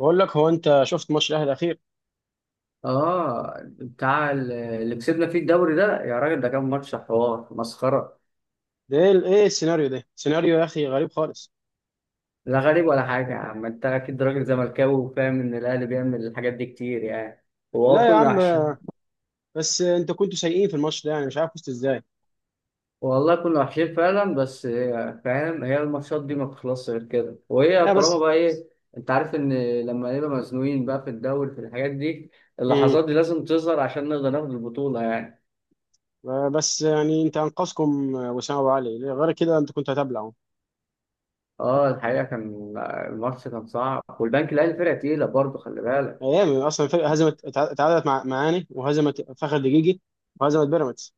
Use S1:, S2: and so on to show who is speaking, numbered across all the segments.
S1: بقول لك، هو انت شفت ماتش الاهلي الاخير؟
S2: اه، بتاع اللي كسبنا فيه الدوري ده، يا راجل ده كان ماتش حوار مسخره.
S1: ده ايه السيناريو؟ ده سيناريو يا اخي غريب خالص.
S2: لا غريب ولا حاجه يا عم، انت اكيد راجل زملكاوي وفاهم ان الاهلي بيعمل الحاجات دي كتير يعني. وهو
S1: لا يا
S2: كنا
S1: عم،
S2: وحشين.
S1: بس انت كنتوا سيئين في الماتش ده، يعني مش عارف فزتوا ازاي.
S2: والله كنا وحشين فعلا، بس فاهم هي الماتشات دي ما بتخلصش غير كده، وهي
S1: اه
S2: طالما
S1: بس.
S2: بقى ايه. انت عارف ان لما نبقى مزنوقين بقى في الدوري في الحاجات دي،
S1: امم
S2: اللحظات دي لازم تظهر عشان نقدر ناخد البطوله يعني.
S1: بس يعني انت انقذكم وسام ابو علي ليه؟ غير كده انت كنت هتبلعوا.
S2: اه الحقيقه، الماتش كان صعب، والبنك الاهلي فرقه تقيله برضه خلي بالك.
S1: ايام اصلا الفرقه هزمت، اتعادلت مع معاني، وهزمت فخر دقيقي، وهزمت بيراميدز.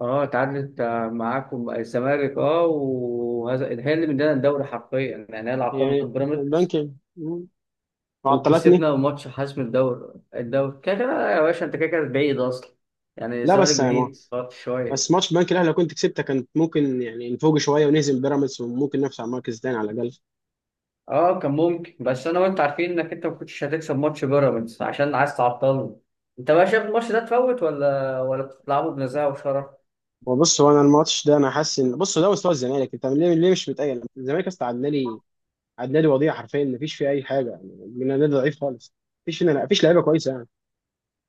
S2: اه تعادلت معاكم الزمالك، اه، وهذا هي اللي مدانا الدوري حرفيا، يعني هي اللي عطلت
S1: يعني البنك،
S2: بيراميدز
S1: مم، وعطلتني.
S2: وكسبنا ماتش حسم الدوري. الدوري كده كده يا باشا، انت كده كده بعيد اصلا، يعني
S1: لا
S2: الزمالك
S1: بس يا ما،
S2: بعيد فرط
S1: بس
S2: شويه.
S1: ماتش البنك الاهلي لو كنت كسبته، كانت ممكن يعني نفوق شويه، ونهزم بيراميدز، وممكن نفس على المركز الثاني على الاقل.
S2: اه كان ممكن، بس انا وانت عارفين انك انت ما كنتش هتكسب ماتش بيراميدز عشان عايز تعطلني. انت بقى شايف الماتش ده تفوت ولا بتلعبه بنزاهه وشرف؟
S1: هو بص، هو انا الماتش ده انا حاسس ان، بص، ده مستوى الزمالك، انت ليه مش متأيل؟ الزمالك اصلا عدى لي. عدى لي وضيع حرفيا، مفيش فيه اي حاجه يعني، من نادي ضعيف خالص. مفيش فينا، مفيش لعيبه كويسه يعني.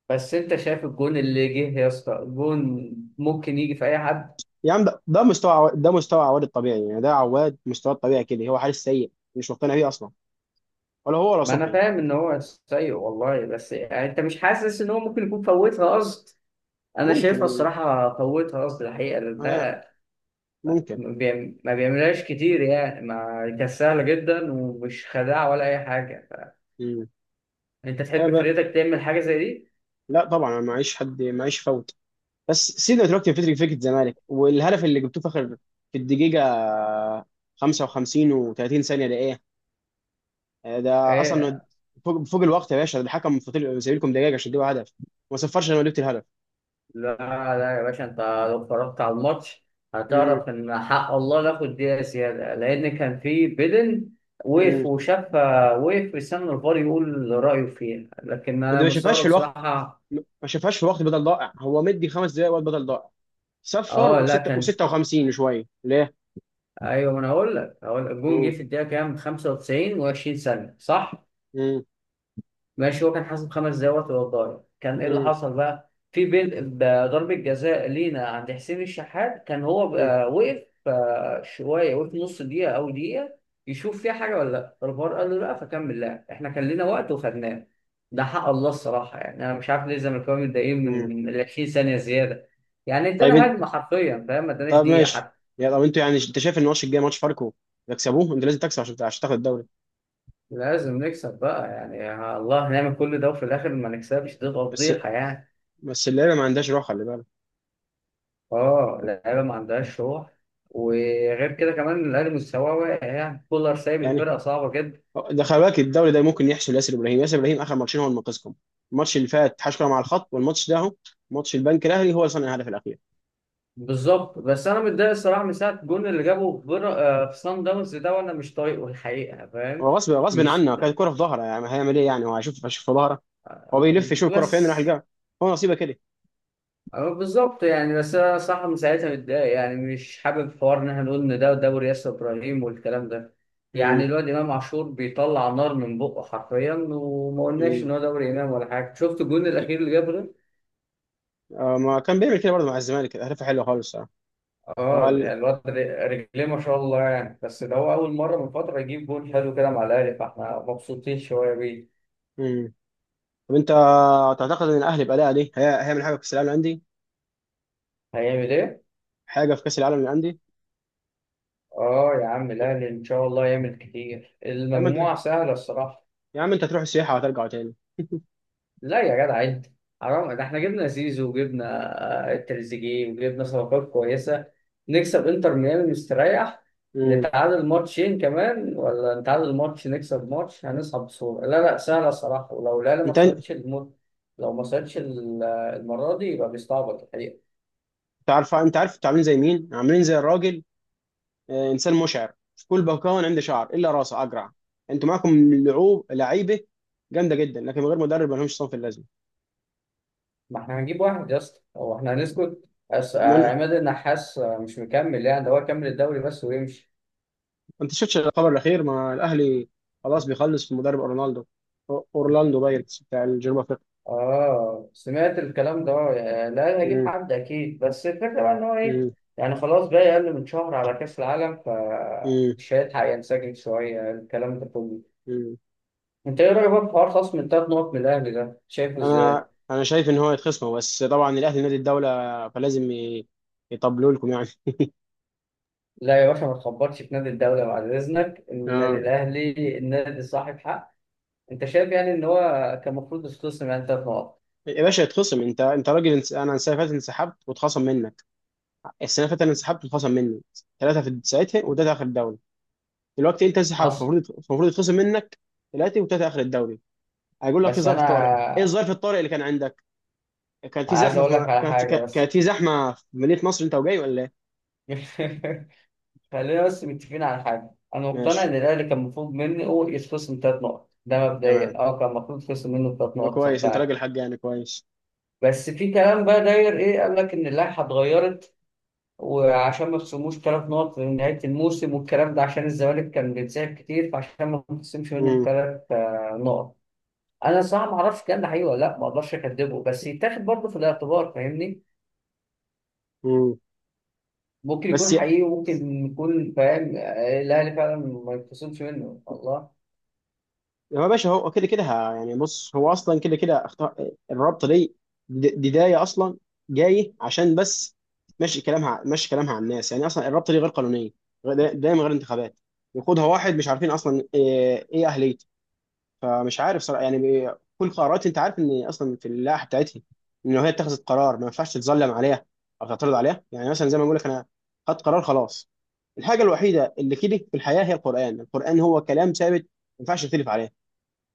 S2: بس انت شايف الجون اللي جه يا اسطى، الجون ممكن يجي في اي حد.
S1: يا عم، ده مستوى ده مستوى عواد الطبيعي، يعني ده عواد مستواه الطبيعي كده، هو حارس سيء مش مقتنع بيه اصلا. ولا هو ولا
S2: ما انا
S1: صبحي.
S2: فاهم ان هو سيء والله، بس يعني انت مش حاسس ان هو ممكن يكون فوتها قصد؟ انا شايفها
S1: ممكن،
S2: الصراحه فوتها قصد الحقيقه، لان
S1: هي-
S2: ده
S1: ممكن.
S2: ما بيعملهاش كتير يعني. ما كانت سهله جدا ومش خداع ولا اي حاجه.
S1: امم
S2: انت
S1: إيه
S2: تحب
S1: بقى؟
S2: فريتك تعمل حاجه زي دي؟
S1: لا طبعا، أنا معيش حد، معيش فوت. بس سيبنا دلوقتي من فكره الزمالك، والهدف اللي جبتوه في اخر، في الدقيقه 55 و30 ثانيه، ده إيه؟ ده اصلا
S2: ايه؟
S1: فوق الوقت يا باشا، ده الحكم فاضل سايبلكم دقايق عشان تجيبوا هدف، وما صفرش لما جبت الهدف.
S2: لا لا يا باشا، انت لو اتفرجت على الماتش
S1: امم
S2: هتعرف ان حق الله ناخد دقيقه زياده، لان كان في بيدن. وقف
S1: امم
S2: وشاف، وقف في السنه الفار يقول رايه فيها، لكن
S1: ما
S2: انا
S1: ده ما شافهاش
S2: مستغرب
S1: في الوقت.
S2: بصراحه.
S1: ما شافهاش في وقت بدل ضائع، هو مدي 5 دقايق وقت بدل ضائع. صفر
S2: اه لا
S1: وستة
S2: كان،
S1: و56 شويه ليه؟
S2: ايوه، ما انا اقول لك، هقول لك الجون جه
S1: امم
S2: في الدقيقه كام؟ 95 و20 ثانيه، صح؟
S1: امم
S2: ماشي، هو كان حاسب خمس دقايق وقت الضايع. كان ايه اللي
S1: امم
S2: حصل بقى في بين ضربه جزاء لينا عند حسين الشحات، كان هو
S1: امم
S2: بقى وقف شويه، وقف نص دقيقه او دقيقه يشوف فيها حاجه ولا لا. الفار قال له لا فكمل لعب، احنا كان لنا وقت وخدناه. ده حق الله الصراحه، يعني انا مش عارف ليه الزملكاويه متضايقين من
S1: امم
S2: من ال 20 ثانيه زياده. يعني
S1: طيب
S2: ادانا
S1: انت،
S2: هجمه حرفيا، فاهم؟ ما اداناش
S1: طب ماشي،
S2: دقيقه.
S1: يا طب انتوا، يعني انت شايف ان الماتش الجاي ماتش فاركو تكسبوه؟ انت لازم تكسب عشان تاخد الدوري.
S2: لازم نكسب بقى يعني، يا الله نعمل كل ده وفي الاخر ما نكسبش، دي
S1: بس
S2: تفضيحه يعني.
S1: بس اللعيبه ما عندهاش روح، خلي بالك.
S2: اه، اللعيبه ما عندهاش روح، وغير كده كمان الاهلي مستواه واقع، يعني كولر سايب
S1: يعني
S2: الفرقه صعبه جدا.
S1: ده، خلي بالك، الدوري ده ممكن يحسب ياسر ابراهيم، اخر ماتشين هو اللي منقذكم. الماتش اللي فات حشكله مع الخط، والماتش ده اهو. ماتش البنك الاهلي، هو اللي صنع الهدف الاخير.
S2: بالظبط، بس انا متضايق الصراحه من ساعه الجون اللي جابه في بر... آه، في صن داونز ده، وانا مش طايقه الحقيقه، فاهم؟
S1: هو غصب غصب
S2: مش
S1: عنه، كانت كرة في ظهره، يعني هيعمل ايه يعني؟ هو هيشوف في ظهره؟ هو بيلف يشوف الكرة فين، راح
S2: بس
S1: يلقاها. هو نصيبه كده.
S2: أه، بالظبط يعني. بس انا صح من ساعتها متضايق، يعني مش حابب حوار ان احنا نقول ان ده دوري ياسر ابراهيم والكلام ده.
S1: امم
S2: يعني الواد امام عاشور بيطلع نار من بقه حرفيا، وما قلناش
S1: امم
S2: ان هو دوري امام ولا حاجه. شفت الجون الاخير اللي جابه ده؟
S1: ما كان بيعمل كده برضه مع الزمالك، اهدافه حلوه خالص. آه.
S2: اه، يعني
S1: قال.
S2: الواد رجليه ما شاء الله يعني، بس ده هو اول مره من فتره يجيب جون حلو كده مع الاهلي، فاحنا مبسوطين شويه بيه.
S1: امم طب انت تعتقد ان الاهلي باداء دي، هيعمل حاجه في كاس العالم للانديه؟
S2: هيعمل ايه؟
S1: حاجه في كاس العالم للانديه.
S2: اه يا عم الاهلي ان شاء الله يعمل كتير،
S1: يا عم انت
S2: المجموعه سهله الصراحه.
S1: يا عم انت تروح السياحه وترجع تاني.
S2: لا يا جدع انت، حرام، ده احنا جبنا زيزو وجبنا تريزيجيه وجبنا صفقات كويسه. نكسب انتر ميامي مستريح،
S1: امم
S2: نتعادل ماتشين كمان ولا نتعادل ماتش نكسب ماتش، هنصعد بسهوله. لا لا سهله الصراحه، ولو لا لا ما
S1: انت
S2: صعدش لو ما صعدش المره دي يبقى بيستعبط الحقيقه.
S1: تعرف، انت عارف انتوا عاملين زي مين؟ عاملين زي الراجل. انسان مشعر، في كل، بكون عنده شعر الا راسه اجرع. انتوا معاكم لعوب، لعيبه جامده جدا، لكن من غير مدرب ما لهمش، صنف اللازمه.
S2: ما احنا هنجيب واحد يا اسطى، هو احنا هنسكت؟
S1: ما
S2: عماد النحاس مش مكمل يعني، ده هو كمل الدوري بس ويمشي.
S1: انت شفتش الخبر الاخير؟ ما الاهلي، خلاص بيخلص في مدرب اورلاندو، اورلاندو بايرتس بتاع الجنوب افريقيا.
S2: اه سمعت الكلام ده، يعني لا أنا هجيب
S1: مم،
S2: حد اكيد، بس الفكره بقى ان هو ايه.
S1: مم،
S2: يعني خلاص بقى اقل من شهر على كاس العالم،
S1: مم،
S2: فمش هيلحق ينسجم شويه الكلام ده كله.
S1: مم.
S2: انت ايه رايك بقى في حوار خصم التلات نقط من الاهلي ده، شايفه ازاي؟
S1: انا شايف ان هو يتخصموا، بس طبعا الاهلي نادي الدوله، فلازم يطبلوا لكم يعني.
S2: لا يا باشا، ما تخبطش في نادي الدوله بعد اذنك، النادي
S1: اه
S2: الاهلي النادي صاحب حق. انت شايف يعني ان هو كان المفروض يتخصم يعني تلات نقط؟
S1: يا باشا، يتخصم، انت راجل، انا السنه اللي فاتت انسحبت واتخصم منك. السنه اللي فاتت انا انسحبت واتخصم مني ثلاثه في ساعتها، وده اخر الدوري. دلوقتي انت انسحبت،
S2: حصل.
S1: المفروض يتخصم منك ثلاثه، وثلاثه اخر الدوري. هيقول لك في
S2: بس
S1: ظرف
S2: انا
S1: طارئ. ايه الظرف الطارئ اللي كان عندك؟ كان في
S2: عايز
S1: زحمه في،
S2: اقول لك على حاجه،
S1: كانت
S2: بس.
S1: في زحمه في مدينه نصر انت وجاي ولا ايه؟
S2: خلينا بس متفقين على حاجة، أنا مقتنع
S1: ماشي،
S2: إن الأهلي كان المفروض مني هو يتخصم تلات نقط، ده
S1: تمام،
S2: مبدئيا. أه كان المفروض يتخصم منه تلات
S1: طب
S2: نقط صح،
S1: كويس، انت
S2: فعلا.
S1: راجل حق يعني، كويس.
S2: بس في كلام بقى داير، إيه قال لك إن اللائحة اتغيرت؟ وعشان ما يخصموش تلات نقط في نهاية الموسم والكلام ده، عشان الزمالك كان بيتسحب كتير، فعشان ما يتخصمش منه
S1: امم
S2: التلات نقط. أنا صراحة ما أعرفش الكلام ده حقيقي ولا لأ، ما أقدرش أكدبه، بس يتاخد برضه في الاعتبار، فاهمني؟
S1: امم
S2: ممكن
S1: بس
S2: يكون حقيقي وممكن يكون فاهم الأهلي فعلا ما يتخصمش منه الله.
S1: هو يا باشا، هو كده كده، يعني بص، هو اصلا كده كده اختار الرابطه دي. بدايه اصلا جاي عشان بس ماشي كلامها، ماشي كلامها على الناس يعني، اصلا الرابطه دي غير قانونيه. دايما غير انتخابات، يقودها واحد مش عارفين اصلا ايه اهليته. فمش عارف صراحه يعني، كل قرارات، انت عارف ان اصلا في اللائحه بتاعتها ان هي اتخذت قرار ما ينفعش تتظلم عليها او تعترض عليها، يعني مثلا زي ما بقول لك، انا خدت قرار خلاص. الحاجه الوحيده اللي كده في الحياه هي القران. القران هو كلام ثابت، ما ينفعش تختلف عليه.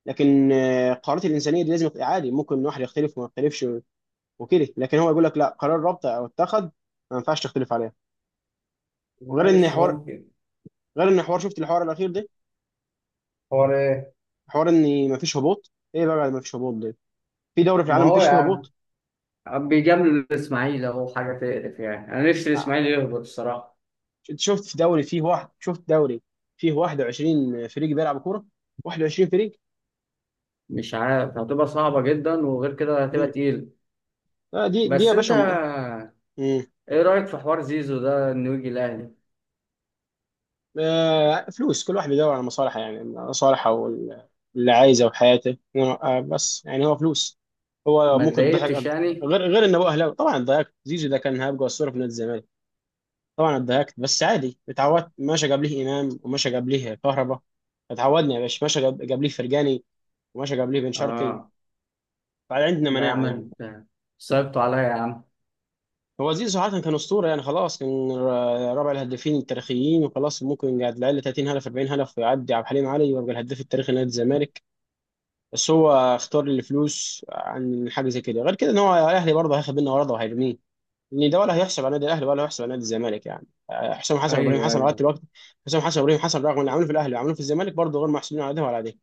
S1: لكن القرارات الانسانيه دي لازم تبقى عادي، ممكن واحد يختلف وما يختلفش وكده. لكن هو يقول لك لا، قرار ربط او اتخذ، ما ينفعش تختلف عليه. وغير ان
S2: ماشي
S1: حوار
S2: ممكن.
S1: غير ان حوار، شفت الحوار الاخير ده؟
S2: هو ليه؟
S1: حوار ان ما فيش هبوط، ايه بقى ما فيش هبوط ده؟ في دوري في
S2: ما
S1: العالم ما
S2: هو
S1: فيش فيه
S2: يا
S1: هبوط.
S2: عم بيجامل الاسماعيلي اهو، حاجه تقرف يعني، انا نفسي الاسماعيلي يهبط الصراحه.
S1: انت شفت في دوري فيه واحد؟ شفت دوري فيه 21 فريق بيلعب كوره، 21 فريق.
S2: مش عارف، هتبقى صعبه جدا، وغير كده هتبقى
S1: مم.
S2: تقيل.
S1: دي
S2: بس
S1: يا
S2: انت
S1: باشا، مم.
S2: ايه رايك في حوار زيزو ده، انه يجي الاهلي؟
S1: فلوس، كل واحد بيدور على مصالحه يعني، مصالحه وال- اللي عايزه وحياته. بس يعني هو فلوس. هو
S2: ما
S1: ممكن تضحك.
S2: اتضايقتش يعني.
S1: غير انه هو اهلاوي طبعا اتضايقت، زيزو ده كان هيبقى اسطوره في نادي الزمالك. طبعا اتضايقت، بس عادي اتعودت، ماشي جاب ليه امام، وماشي جاب ليه كهربا. اتعودنا يا باشا، ماشي جاب ليه فرجاني، وماشي جاب ليه بن شرقي.
S2: اه
S1: فعندنا
S2: لا يا
S1: مناعه
S2: عم
S1: يعني.
S2: انت، صعبتوا عليا يا عم.
S1: هو زيزو صراحه كان اسطوره يعني، خلاص كان رابع الهدافين التاريخيين، وخلاص ممكن يقعد العيال 30 هدف، 40 هدف، ويعدي عبد الحليم علي ويبقى الهداف التاريخي لنادي الزمالك. بس هو اختار الفلوس عن حاجه زي كده، غير كده ان هو الاهلي برضه هياخد منه عرضه وهيرميه. ان ده ولا هيحسب على نادي الاهلي ولا هيحسب على نادي الزمالك يعني، حسام حسن وابراهيم
S2: ايوه،
S1: حسن لغايه
S2: ايوه،
S1: دلوقتي. حسام حسن وابراهيم حسن رغم اللي عملوه في الاهلي وعملوه في الزمالك، برضه غير محسوبين على ده ولا على ده.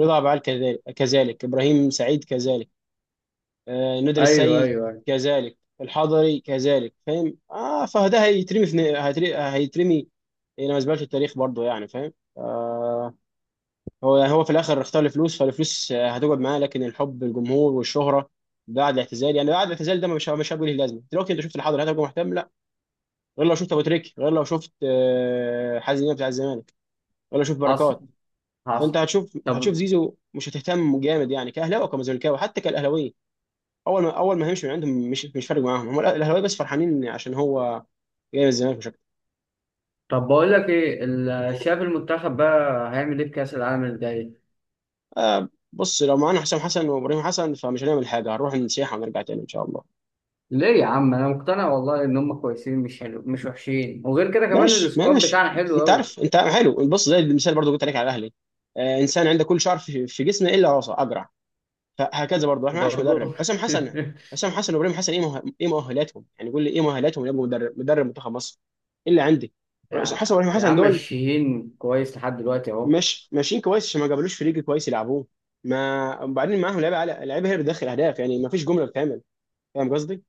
S1: رضا أبو علي كذلك، كذلك ابراهيم سعيد كذلك، ندر
S2: ايوه،
S1: السيد
S2: ايوه، ايوه.
S1: كذلك، الحضري كذلك، فاهم؟ اه، فده هيترمي في هيترمي هيترمي الى مزبله التاريخ برضه يعني، فاهم؟ آه. هو يعني، هو في الاخر اختار الفلوس، فالفلوس هتقعد معاه، لكن الحب، الجمهور، والشهره بعد الاعتزال يعني، بعد الاعتزال ده مش هيبقى ليه لازمه، دلوقتي انت شفت الحاضر هتبقى مهتم؟ لا، غير لو شفت ابو تريكه، غير لو شفت حازم امام بتاع الزمالك، غير لو شفت
S2: حصل،
S1: بركات. فانت
S2: حصل.
S1: هتشوف
S2: طب،
S1: زيزو مش هتهتم جامد يعني، كاهلاوي وكمزملكاوي، حتى كالاهلاوي. اول ما هيمشي من عندهم مش فارق معاهم، هم الاهلاوي بس فرحانين عشان هو جاي من الزمالك مش اكتر.
S2: طب بقول لك ايه شايف المنتخب بقى هيعمل ايه في كاس العالم الجاي؟
S1: بص لو معانا حسام حسن وابراهيم حسن، فمش هنعمل حاجه، هنروح نسيحه ونرجع تاني ان شاء الله.
S2: ليه يا عم، انا مقتنع والله ان هم كويسين، مش حلو مش وحشين، وغير كده كمان
S1: ماشي
S2: السكواد
S1: ماشي
S2: بتاعنا حلو
S1: انت
S2: قوي.
S1: عارف، انت حلو بص، زي المثال برضو قلت عليك على الاهلي. آه، انسان عنده كل شعر في جسمه الا راسه اجرع. فهكذا برضو احنا معناش مدرب.
S2: برضه.
S1: حسام حسن، حسام حسن وابراهيم حسن ايه، ايه مؤهلاتهم يعني؟ قول لي ايه مؤهلاتهم يبقوا مدرب منتخب مصر؟ ايه اللي عندي؟ حسن
S2: يا
S1: وابراهيم
S2: يا
S1: حسن
S2: عم
S1: دول
S2: الشهين كويس لحد دلوقتي اهو.
S1: مش ماشيين كويس، عشان ما جابلوش فريق كويس يلعبوه. ما، وبعدين معاهم لعيبه على لعيبه هي اللي بتدخل اهداف يعني، ما فيش جمله بتتعمل. فاهم قصدي؟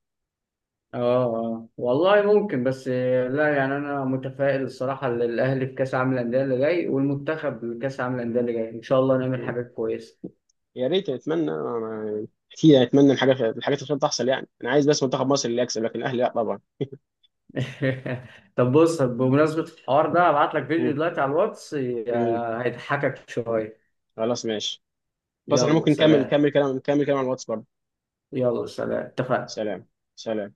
S2: اه، آه. والله ممكن، بس لا يعني انا متفائل الصراحه للاهلي في كاس عالم الانديه اللي جاي، والمنتخب لكاس عالم الانديه اللي جاي ان شاء الله نعمل حاجات كويسه.
S1: يا ريت، اتمنى أنا كتير، اتمنى الحاجات الخير تحصل يعني، انا عايز بس منتخب مصر اللي يكسب، لكن الاهلي لا طبعا.
S2: طب بص، بمناسبه الحوار ده هبعت لك فيديو
S1: مم.
S2: دلوقتي على الواتس،
S1: مم.
S2: هيضحكك شويه.
S1: خلاص ماشي. خلاص احنا
S2: يلا
S1: ممكن نكمل
S2: سلام.
S1: نكمل كلام نكمل كلام على الواتس برضه.
S2: يلا سلام، اتفقنا.
S1: سلام. سلام.